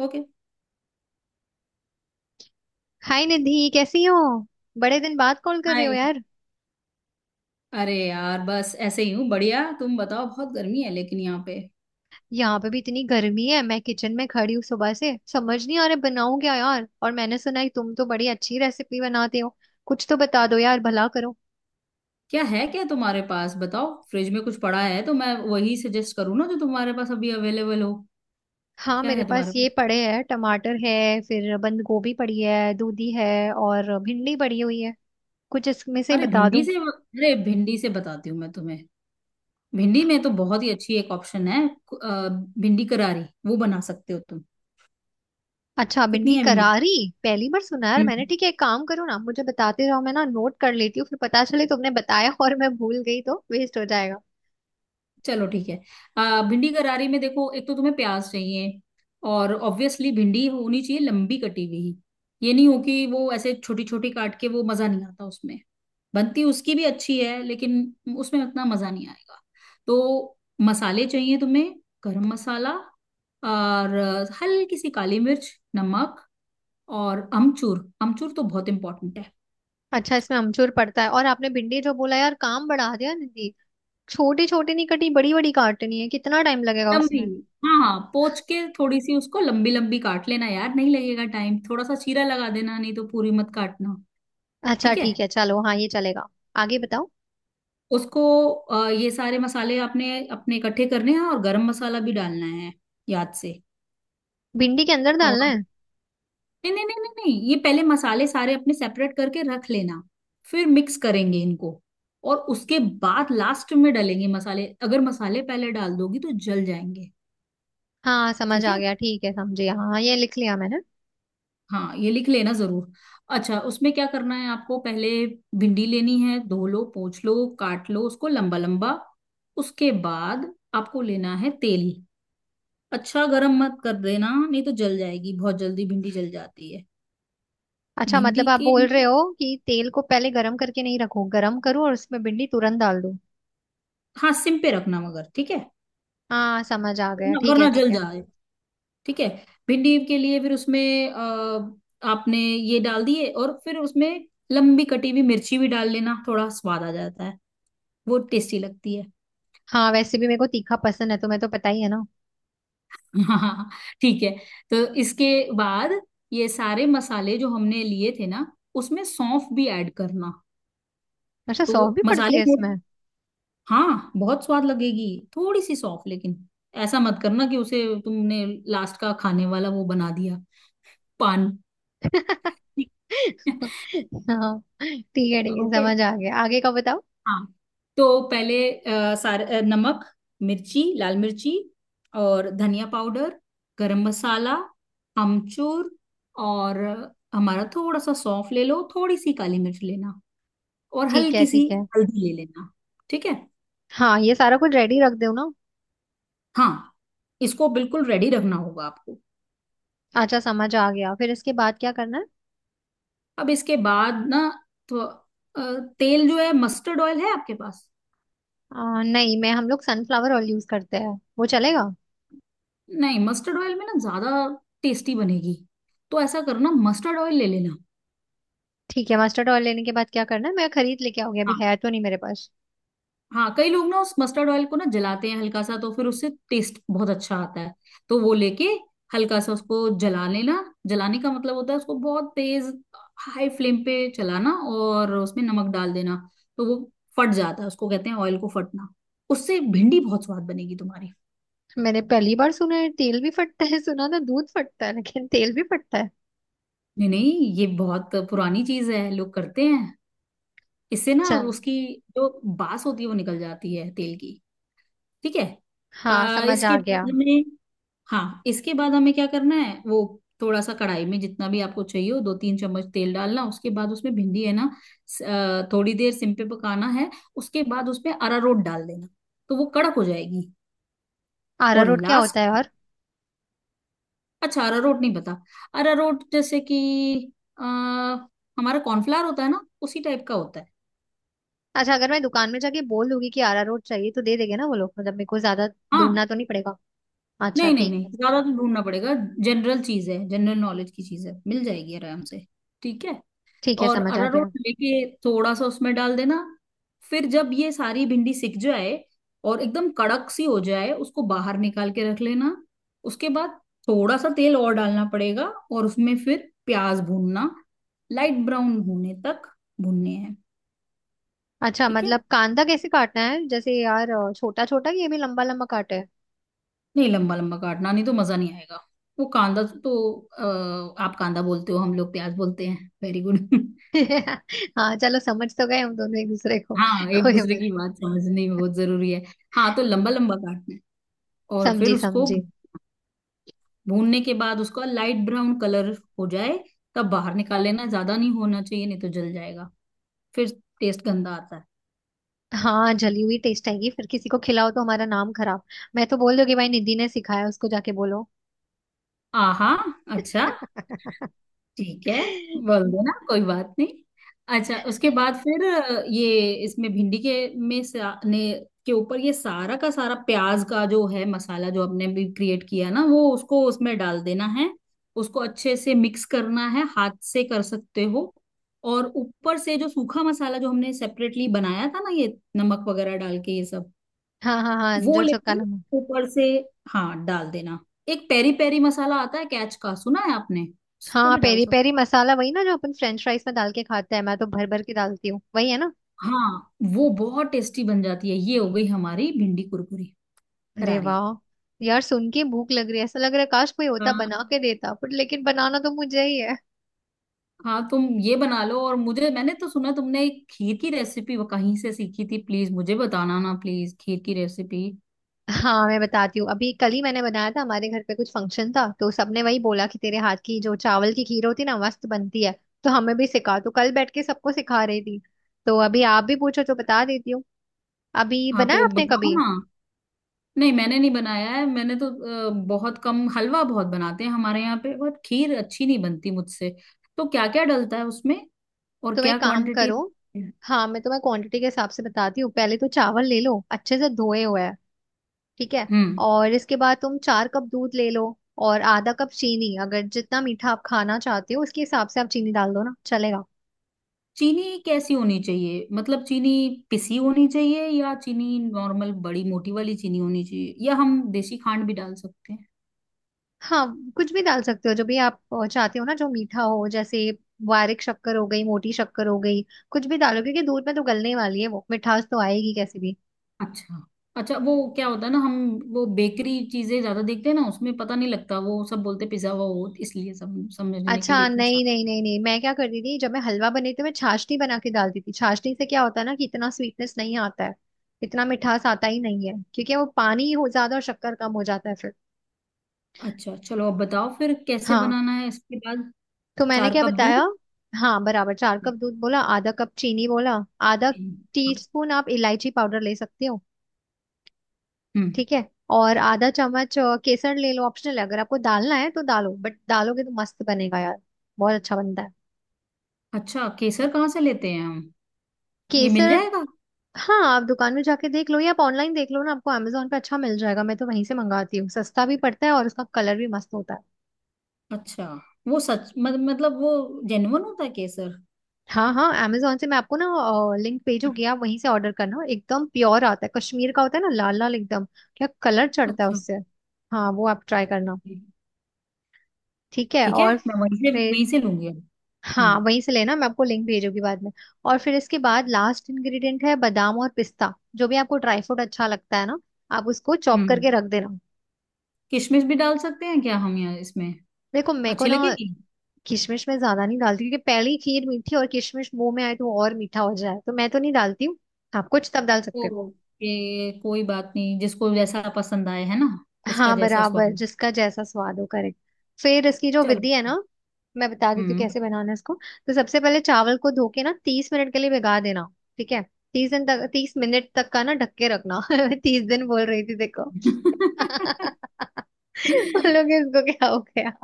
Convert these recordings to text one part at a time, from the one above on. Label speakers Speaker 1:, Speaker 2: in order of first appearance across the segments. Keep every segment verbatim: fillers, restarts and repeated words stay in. Speaker 1: Okay.
Speaker 2: Hi Nidhi, कैसी हो। बड़े दिन बाद कॉल कर रहे हो
Speaker 1: हाय।
Speaker 2: यार।
Speaker 1: अरे यार, बस ऐसे ही हूँ। बढ़िया, तुम बताओ। बहुत गर्मी है लेकिन यहाँ पे।
Speaker 2: यहाँ पे भी इतनी गर्मी है, मैं किचन में खड़ी हूँ सुबह से, समझ नहीं आ रहा बनाऊं क्या यार। और मैंने सुना है तुम तो बड़ी अच्छी रेसिपी बनाते हो, कुछ तो बता दो यार, भला करो।
Speaker 1: क्या है क्या तुम्हारे पास? बताओ, फ्रिज में कुछ पड़ा है तो मैं वही सजेस्ट करूँ ना जो तुम्हारे पास अभी अवेलेबल हो।
Speaker 2: हाँ
Speaker 1: क्या
Speaker 2: मेरे
Speaker 1: है
Speaker 2: पास
Speaker 1: तुम्हारे
Speaker 2: ये
Speaker 1: पास?
Speaker 2: पड़े हैं, टमाटर है, फिर बंद गोभी पड़ी है, दूधी है, और भिंडी पड़ी हुई है। कुछ इसमें से ही
Speaker 1: अरे
Speaker 2: बता
Speaker 1: भिंडी
Speaker 2: दूं।
Speaker 1: से अरे भिंडी से बताती हूँ मैं तुम्हें। भिंडी में तो बहुत ही अच्छी एक ऑप्शन है अ, भिंडी करारी। वो बना सकते हो तुम।
Speaker 2: अच्छा भिंडी
Speaker 1: कितनी है?
Speaker 2: करारी, पहली बार सुना यार मैंने।
Speaker 1: भिंडी।
Speaker 2: ठीक है एक काम करो ना, मुझे बताते रहो, मैं ना नोट कर लेती हूँ, फिर पता चले तुमने बताया और मैं भूल गई तो वेस्ट हो जाएगा।
Speaker 1: चलो ठीक है। आ, भिंडी करारी में देखो, एक तो तुम्हें प्याज चाहिए, और ऑब्वियसली भिंडी होनी चाहिए लंबी कटी हुई। ये नहीं हो कि वो ऐसे छोटी छोटी काट के, वो मजा नहीं आता उसमें। बनती उसकी भी अच्छी है लेकिन उसमें उतना मजा नहीं आएगा। तो मसाले चाहिए तुम्हें। गरम मसाला, और हल्की सी काली मिर्च, नमक, और अमचूर। अमचूर तो बहुत इंपॉर्टेंट है।
Speaker 2: अच्छा, इसमें अमचूर पड़ता है। और आपने भिंडी जो बोला यार, काम बढ़ा दिया दीदी। छोटी छोटी नहीं कटी, बड़ी बड़ी काटनी है, कितना टाइम लगेगा
Speaker 1: लंबी।
Speaker 2: उसमें।
Speaker 1: हाँ हाँ, पोंछ के थोड़ी सी उसको लंबी लंबी काट लेना यार, नहीं लगेगा टाइम, थोड़ा सा चीरा लगा देना, नहीं तो पूरी मत काटना।
Speaker 2: अच्छा
Speaker 1: ठीक है।
Speaker 2: ठीक है, चलो हाँ ये चलेगा। आगे बताओ।
Speaker 1: उसको अ, ये सारे मसाले आपने अपने इकट्ठे करने हैं और गरम मसाला भी डालना है, याद से।
Speaker 2: भिंडी के अंदर डालना
Speaker 1: और,
Speaker 2: है?
Speaker 1: नहीं, नहीं, नहीं, नहीं, नहीं, ये पहले मसाले सारे अपने सेपरेट करके रख लेना, फिर मिक्स करेंगे इनको, और उसके बाद लास्ट में डालेंगे मसाले। अगर मसाले पहले डाल दोगी तो जल जाएंगे।
Speaker 2: हाँ समझ
Speaker 1: ठीक
Speaker 2: आ
Speaker 1: है।
Speaker 2: गया, ठीक है, समझे, हाँ हाँ, ये लिख लिया मैंने।
Speaker 1: हाँ, ये लिख लेना जरूर। अच्छा, उसमें क्या करना है आपको पहले। भिंडी लेनी है, धो लो, पोंछ लो, काट लो उसको लंबा लंबा। उसके बाद आपको लेना है तेल। अच्छा, गरम मत कर देना नहीं तो जल जाएगी, बहुत जल्दी भिंडी जल जाती है।
Speaker 2: अच्छा
Speaker 1: भिंडी
Speaker 2: मतलब आप
Speaker 1: के।
Speaker 2: बोल रहे हो कि तेल को पहले गर्म करके नहीं रखो, गर्म करो और उसमें भिंडी तुरंत डाल दो।
Speaker 1: हाँ, सिम पे रखना मगर, ठीक है।
Speaker 2: हाँ समझ आ गया,
Speaker 1: वरना
Speaker 2: ठीक है
Speaker 1: वरना
Speaker 2: ठीक
Speaker 1: जल
Speaker 2: है।
Speaker 1: जाए। ठीक है। भिंडी के लिए फिर उसमें अ, आपने ये डाल दिए और फिर उसमें लंबी कटी हुई मिर्ची भी डाल लेना, थोड़ा स्वाद आ जाता है, वो टेस्टी लगती है।
Speaker 2: हाँ वैसे भी मेरे को तीखा पसंद है, तो मैं तो, पता ही है ना।
Speaker 1: हाँ, ठीक है। तो इसके बाद ये सारे मसाले जो हमने लिए थे ना, उसमें सौंफ भी ऐड करना।
Speaker 2: अच्छा सौंफ
Speaker 1: तो
Speaker 2: भी पड़ती
Speaker 1: मसाले
Speaker 2: है इसमें?
Speaker 1: में- हाँ, बहुत स्वाद लगेगी। थोड़ी सी सौंफ, लेकिन ऐसा मत करना कि उसे तुमने लास्ट का खाने वाला वो बना दिया, पान।
Speaker 2: हाँ ठीक है ठीक है,
Speaker 1: ओके।
Speaker 2: समझ आ गया, आगे का बताओ।
Speaker 1: हाँ, तो पहले अ, सारे अ, नमक, मिर्ची, लाल मिर्ची, और धनिया पाउडर, गरम मसाला, अमचूर, और हमारा थोड़ा सा सौंफ ले लो, थोड़ी सी काली मिर्च लेना, और
Speaker 2: ठीक है
Speaker 1: हल्की सी
Speaker 2: ठीक है।
Speaker 1: हल्दी ले लेना। ठीक है।
Speaker 2: हाँ ये सारा कुछ रेडी रख दो ना।
Speaker 1: हाँ, इसको बिल्कुल रेडी रखना होगा आपको।
Speaker 2: अच्छा समझ आ गया, फिर इसके बाद क्या करना है।
Speaker 1: अब इसके बाद ना, तो अ, तेल जो है मस्टर्ड ऑयल है आपके पास।
Speaker 2: आ, नहीं मैं, हम लोग सनफ्लावर ऑयल यूज करते हैं, वो चलेगा?
Speaker 1: नहीं, मस्टर्ड ऑयल में ना ज्यादा टेस्टी बनेगी, तो ऐसा करो ना, मस्टर्ड ऑयल ले लेना।
Speaker 2: ठीक है मस्टर्ड ऑयल लेने के बाद क्या करना है, मैं खरीद लेके आऊंगी, अभी
Speaker 1: हाँ,
Speaker 2: है तो नहीं मेरे पास।
Speaker 1: हाँ, कई लोग ना उस मस्टर्ड ऑयल को ना जलाते हैं हल्का सा, तो फिर उससे टेस्ट बहुत अच्छा आता है। तो वो लेके हल्का सा उसको जला लेना। जलाने का मतलब होता है उसको बहुत तेज हाई फ्लेम पे चलाना, और उसमें नमक डाल देना, तो वो फट जाता है। उसको कहते हैं ऑयल को फटना। उससे भिंडी बहुत स्वाद बनेगी तुम्हारी।
Speaker 2: मैंने पहली बार सुना है तेल भी फटता है, सुना था दूध फटता है, लेकिन तेल भी फटता है।
Speaker 1: नहीं, नहीं, ये बहुत पुरानी चीज है, लोग करते हैं। इससे ना
Speaker 2: चल,
Speaker 1: उसकी जो बास होती है वो निकल जाती है तेल की। ठीक है।
Speaker 2: हाँ
Speaker 1: आ,
Speaker 2: समझ आ
Speaker 1: इसके
Speaker 2: गया।
Speaker 1: बाद हमें हाँ, इसके बाद हमें क्या करना है वो। थोड़ा सा कढ़ाई में, जितना भी आपको चाहिए हो दो तीन चम्मच तेल डालना, उसके बाद उसमें भिंडी है ना, स- अ, थोड़ी देर सिम पे पकाना है। उसके बाद उसमें अरारोट डाल देना, तो वो कड़क हो जाएगी। और
Speaker 2: अरारोट क्या
Speaker 1: लास्ट।
Speaker 2: होता है? और
Speaker 1: अच्छा, अरारोट नहीं पता? अरारोट जैसे कि आ, हमारा कॉर्नफ्लावर होता है ना, उसी टाइप का होता है।
Speaker 2: अच्छा, अगर मैं दुकान में जाके बोल दूंगी कि अरारोट चाहिए तो दे देंगे ना वो लोग, मतलब मेरे को ज्यादा
Speaker 1: हाँ।
Speaker 2: ढूंढना तो नहीं पड़ेगा। अच्छा
Speaker 1: नहीं, नहीं,
Speaker 2: ठीक है,
Speaker 1: नहीं, ज्यादा तो ढूंढना पड़ेगा। जनरल चीज है, जनरल नॉलेज की चीज है, मिल जाएगी आराम से। ठीक है।
Speaker 2: ठीक है
Speaker 1: और
Speaker 2: समझ आ
Speaker 1: अरारोट
Speaker 2: गया।
Speaker 1: लेके थोड़ा सा उसमें डाल देना। फिर जब ये सारी भिंडी सिक जाए और एकदम कड़क सी हो जाए, उसको बाहर निकाल के रख लेना। उसके बाद थोड़ा सा तेल और डालना पड़ेगा, और उसमें फिर प्याज भूनना, लाइट ब्राउन होने तक भूनने हैं।
Speaker 2: अच्छा
Speaker 1: ठीक है।
Speaker 2: मतलब कांदा कैसे काटना है जैसे, यार छोटा छोटा, कि ये भी लंबा लंबा काटे?
Speaker 1: नहीं, लंबा लंबा काटना नहीं तो मजा नहीं आएगा। वो कांदा तो अ, आप कांदा बोलते हो, हम लोग प्याज बोलते हैं। Very good.
Speaker 2: हाँ चलो, समझ तो गए हम दोनों एक दूसरे को।
Speaker 1: हाँ, एक
Speaker 2: कोई
Speaker 1: दूसरे
Speaker 2: बात।
Speaker 1: की बात समझने में बहुत जरूरी है। हाँ, तो लंबा लंबा काटना है, और फिर
Speaker 2: समझी
Speaker 1: उसको
Speaker 2: समझी।
Speaker 1: भूनने के बाद उसका लाइट ब्राउन कलर हो जाए, तब बाहर निकाल लेना। ज्यादा नहीं होना चाहिए नहीं तो जल जाएगा, फिर टेस्ट गंदा आता है।
Speaker 2: हाँ जली हुई टेस्ट आएगी फिर, किसी को खिलाओ तो हमारा नाम खराब। मैं तो बोल दूंगी, भाई निधि ने सिखाया, उसको जाके बोलो।
Speaker 1: आहा। अच्छा, ठीक है, बोल देना, कोई बात नहीं। अच्छा, उसके बाद फिर अ, ये इसमें भिंडी के में सा, ने के ऊपर ये सारा का सारा प्याज का जो है मसाला जो आपने भी क्रिएट किया ना, वो उसको उसमें डाल देना है। उसको अच्छे से मिक्स करना है, हाथ से कर सकते हो। और ऊपर से जो सूखा मसाला जो हमने सेपरेटली बनाया था ना, ये नमक वगैरह डाल के ये सब
Speaker 2: हाँ हाँ हाँ,
Speaker 1: वो
Speaker 2: जो चक्का
Speaker 1: लेके,
Speaker 2: नमक।
Speaker 1: ऊपर से, हाँ, डाल देना। एक पेरी पेरी मसाला आता है कैच का, सुना है आपने? उसको
Speaker 2: हाँ
Speaker 1: भी डाल
Speaker 2: पेरी
Speaker 1: सकते।
Speaker 2: पेरी मसाला, वही ना जो अपन फ्रेंच फ्राइज में डाल के खाते हैं, मैं तो भर भर के डालती हूँ, वही है ना।
Speaker 1: हाँ, वो बहुत टेस्टी बन जाती है। ये हो गई हमारी भिंडी कुरकुरी
Speaker 2: अरे
Speaker 1: करारी।
Speaker 2: वाह। यार सुन के भूख लग रही है, ऐसा लग रहा है काश कोई होता
Speaker 1: हाँ,
Speaker 2: बना के देता, पर लेकिन बनाना तो मुझे ही है।
Speaker 1: हाँ, तुम ये बना लो। और मुझे, मैंने तो सुना तुमने एक खीर की रेसिपी वो कहीं से सीखी थी, प्लीज मुझे बताना ना, प्लीज खीर की रेसिपी।
Speaker 2: हाँ मैं बताती हूँ। अभी कल ही मैंने बनाया था, हमारे घर पे कुछ फंक्शन था, तो सबने वही बोला कि तेरे हाथ की जो चावल की खीर होती ना, मस्त बनती है, तो हमें भी सिखा, तो कल बैठ के सबको सिखा रही थी। तो अभी आप भी पूछो तो बता देती हूँ। अभी
Speaker 1: हाँ,
Speaker 2: बनाया
Speaker 1: तो
Speaker 2: आपने
Speaker 1: बताओ
Speaker 2: कभी?
Speaker 1: ना। नहीं, मैंने नहीं बनाया है, मैंने तो अ, बहुत कम। हलवा बहुत बनाते हैं हमारे यहाँ पे, बट खीर अच्छी नहीं बनती मुझसे। तो क्या क्या डलता है उसमें? और
Speaker 2: तुम
Speaker 1: क्या
Speaker 2: एक काम
Speaker 1: क्वांटिटी?
Speaker 2: करो। हाँ मैं तुम्हें क्वांटिटी के हिसाब से बताती हूँ। पहले तो चावल ले लो अच्छे से धोए हुए, ठीक है।
Speaker 1: हम्म।
Speaker 2: और इसके बाद तुम चार कप दूध ले लो, और आधा कप चीनी, अगर जितना मीठा आप खाना चाहते हो उसके हिसाब से आप चीनी डाल दो ना, चलेगा।
Speaker 1: चीनी कैसी होनी चाहिए? मतलब चीनी पिसी होनी चाहिए, या चीनी नॉर्मल बड़ी मोटी वाली चीनी होनी चाहिए, या हम देसी खांड भी डाल सकते हैं?
Speaker 2: हाँ कुछ भी डाल सकते हो, जो भी आप अ, चाहते हो ना, जो मीठा हो, जैसे बारीक शक्कर हो गई, मोटी शक्कर हो गई, कुछ भी डालो, क्योंकि दूध में तो गलने वाली है वो, मिठास तो आएगी कैसे भी।
Speaker 1: अच्छा। अच्छा, वो क्या होता है ना, हम वो बेकरी चीजें ज्यादा देखते हैं ना, उसमें पता नहीं लगता, वो सब बोलते पिज्जा हुआ हो, इसलिए सब समझने के
Speaker 2: अच्छा
Speaker 1: लिए पूछा।
Speaker 2: नहीं नहीं नहीं नहीं, मैं क्या करती थी जब मैं हलवा बनाती थी, मैं छाछनी बना के डालती थी। छाछनी से क्या होता है ना, कि इतना स्वीटनेस नहीं आता है, इतना मिठास आता ही नहीं है, क्योंकि वो पानी हो ज्यादा और शक्कर कम हो जाता है फिर।
Speaker 1: अच्छा, चलो, अब बताओ फिर कैसे
Speaker 2: हाँ
Speaker 1: बनाना है इसके बाद।
Speaker 2: तो मैंने
Speaker 1: चार
Speaker 2: क्या
Speaker 1: कप
Speaker 2: बताया।
Speaker 1: दूध?
Speaker 2: हाँ बराबर, चार कप दूध बोला, आधा कप चीनी बोला, आधा
Speaker 1: हम्म।
Speaker 2: टीस्पून आप इलायची पाउडर ले सकते हो, ठीक है। और आधा चम्मच अ, केसर ले लो, ऑप्शनल है, अगर आपको डालना है तो डालो, बट डालोगे तो मस्त बनेगा यार, बहुत अच्छा बनता है।
Speaker 1: अच्छा, केसर कहाँ से लेते हैं हम? ये मिल
Speaker 2: केसर,
Speaker 1: जाएगा?
Speaker 2: हाँ आप दुकान में जाके देख लो, या आप ऑनलाइन देख लो ना, आपको अमेजोन पे अच्छा मिल जाएगा, मैं तो वहीं से मंगाती हूँ, सस्ता भी पड़ता है, और उसका कलर भी मस्त होता है।
Speaker 1: अच्छा, वो सच मत, मतलब वो जेन्युइन होता है केसर?
Speaker 2: हाँ हाँ, amazon से मैं आपको ना लिंक भेजूंगी, आप वहीं से ऑर्डर करना, एकदम प्योर आता है, कश्मीर का होता है ना, लाल लाल एकदम, क्या कलर चढ़ता है
Speaker 1: अच्छा,
Speaker 2: उससे। हाँ वो आप ट्राई करना, ठीक है।
Speaker 1: ठीक है,
Speaker 2: और
Speaker 1: मैं वहीं से
Speaker 2: फिर
Speaker 1: वहीं से लूंगी अब।
Speaker 2: हाँ
Speaker 1: हम्म,
Speaker 2: वहीं से लेना, मैं आपको लिंक भेजूंगी बाद में। और फिर इसके बाद लास्ट इंग्रेडिएंट है बादाम और पिस्ता, जो भी आपको ड्राई फ्रूट अच्छा लगता है ना आप उसको चॉप करके
Speaker 1: हम्म,
Speaker 2: रख देना।
Speaker 1: किशमिश भी डाल सकते हैं क्या हम यहाँ इसमें?
Speaker 2: देखो मेरे को
Speaker 1: अच्छी
Speaker 2: ना
Speaker 1: लगेगी।
Speaker 2: किशमिश में ज्यादा नहीं डालती, क्योंकि पहली खीर मीठी, और किशमिश मुंह में आए तो और मीठा हो जाए, तो मैं तो नहीं डालती हूँ, आप कुछ तब डाल सकते हो।
Speaker 1: ओके, कोई बात नहीं, जिसको जैसा पसंद आए, है ना। जिसका
Speaker 2: हाँ
Speaker 1: जैसा स्वाद
Speaker 2: बराबर,
Speaker 1: हो।
Speaker 2: जिसका जैसा स्वाद हो, करेक्ट। फिर इसकी जो
Speaker 1: चलो।
Speaker 2: विधि है ना, मैं बता देती हूँ
Speaker 1: हम्म।
Speaker 2: कैसे बनाना है इसको। तो सबसे पहले चावल को धो के ना तीस मिनट के लिए भिगा देना, ठीक है। तीस दिन तक, तीस मिनट तक का ना ढक के रखना। मैं तीस दिन बोल रही थी देखो। बोलोगे इसको क्या हो गया।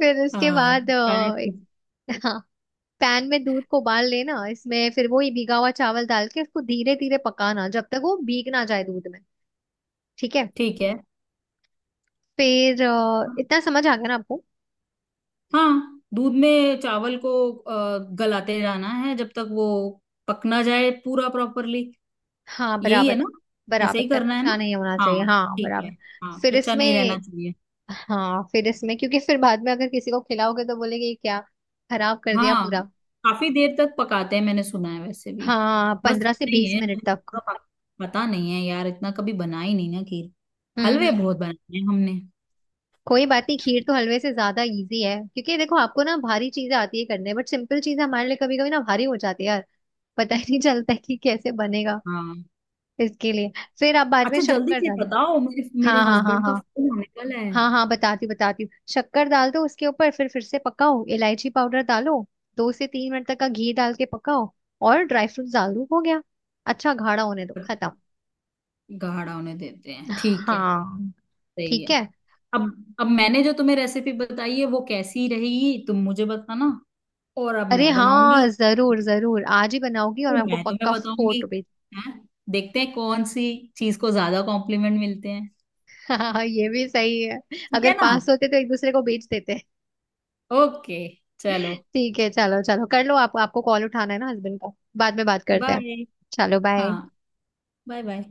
Speaker 2: फिर उसके
Speaker 1: हाँ,
Speaker 2: बाद
Speaker 1: लगता है
Speaker 2: अ,
Speaker 1: कुछ-
Speaker 2: एक- हाँ पैन में दूध को उबाल लेना, इसमें फिर वही भीगा हुआ चावल डाल के उसको धीरे धीरे पकाना, जब तक वो भीग ना जाए दूध में, ठीक है।
Speaker 1: ठीक है।
Speaker 2: फिर अ, इतना समझ आ गया ना आपको।
Speaker 1: हाँ, दूध में चावल को अ, गलाते जाना है जब तक वो पक ना जाए पूरा प्रॉपरली।
Speaker 2: हाँ
Speaker 1: यही है
Speaker 2: बराबर,
Speaker 1: ना? ऐसे
Speaker 2: बराबर,
Speaker 1: ही करना है ना?
Speaker 2: कच्चा नहीं होना चाहिए,
Speaker 1: हाँ,
Speaker 2: हाँ
Speaker 1: ठीक है।
Speaker 2: बराबर।
Speaker 1: हाँ,
Speaker 2: फिर
Speaker 1: कच्चा
Speaker 2: इसमें,
Speaker 1: नहीं रहना चाहिए।
Speaker 2: हाँ फिर इसमें, क्योंकि फिर बाद में अगर किसी को खिलाओगे तो बोलेंगे, "ये क्या, खराब कर दिया
Speaker 1: हाँ,
Speaker 2: पूरा।"
Speaker 1: काफी देर तक पकाते हैं मैंने सुना है वैसे भी।
Speaker 2: हाँ
Speaker 1: बस,
Speaker 2: पंद्रह से
Speaker 1: नहीं
Speaker 2: बीस
Speaker 1: है
Speaker 2: मिनट
Speaker 1: मुझे
Speaker 2: तक।
Speaker 1: पूरा पक- पता नहीं है यार, इतना कभी बना ही नहीं ना खीर।
Speaker 2: हम्म
Speaker 1: हलवे
Speaker 2: हम्म,
Speaker 1: बहुत बनाए हैं हमने।
Speaker 2: कोई बात नहीं, खीर तो हलवे से ज्यादा इजी है, क्योंकि देखो आपको ना भारी चीजें आती है करने, बट सिंपल चीज हमारे लिए कभी कभी ना भारी हो जाती है यार, पता ही नहीं चलता है कि कैसे बनेगा।
Speaker 1: हाँ।
Speaker 2: इसके लिए फिर आप बाद में
Speaker 1: अच्छा, जल्दी
Speaker 2: शक्कर
Speaker 1: से
Speaker 2: डालें।
Speaker 1: बताओ, मेरे मेरे
Speaker 2: हाँ हाँ हाँ
Speaker 1: हस्बैंड का
Speaker 2: हाँ,
Speaker 1: फोन आने वाला है।
Speaker 2: हाँ हाँ बताती हूँ बताती हूँ। शक्कर डाल दो उसके ऊपर, फिर फिर से पकाओ, इलायची पाउडर डालो, दो से तीन मिनट तक का घी डाल के पकाओ, और ड्राई फ्रूट्स डाल दो, हो गया। अच्छा गाढ़ा होने दो,
Speaker 1: पर
Speaker 2: खत्म।
Speaker 1: गाढ़ा होने देते हैं, ठीक है,
Speaker 2: हाँ
Speaker 1: सही
Speaker 2: ठीक
Speaker 1: है।
Speaker 2: है।
Speaker 1: अब अब मैंने जो तुम्हें रेसिपी बताई है वो कैसी रहेगी तुम मुझे बताना, और अब
Speaker 2: अरे
Speaker 1: मैं
Speaker 2: हाँ
Speaker 1: बनाऊंगी,
Speaker 2: जरूर जरूर, आज ही बनाओगी और
Speaker 1: तो
Speaker 2: मैं आपको
Speaker 1: मैं तुम्हें
Speaker 2: पक्का
Speaker 1: बताऊंगी।
Speaker 2: फोटो भेज।
Speaker 1: हैं, देखते हैं कौन सी चीज को ज्यादा कॉम्प्लीमेंट मिलते हैं।
Speaker 2: हाँ ये भी सही है,
Speaker 1: ठीक
Speaker 2: अगर
Speaker 1: है ना?
Speaker 2: पास होते तो एक दूसरे को बेच देते।
Speaker 1: ओके। चलो
Speaker 2: ठीक है चलो चलो कर लो, आप आपको कॉल उठाना है ना हस्बैंड का, बाद में बात करते हैं।
Speaker 1: बाय।
Speaker 2: चलो
Speaker 1: हाँ,
Speaker 2: बाय।
Speaker 1: Bye, bye.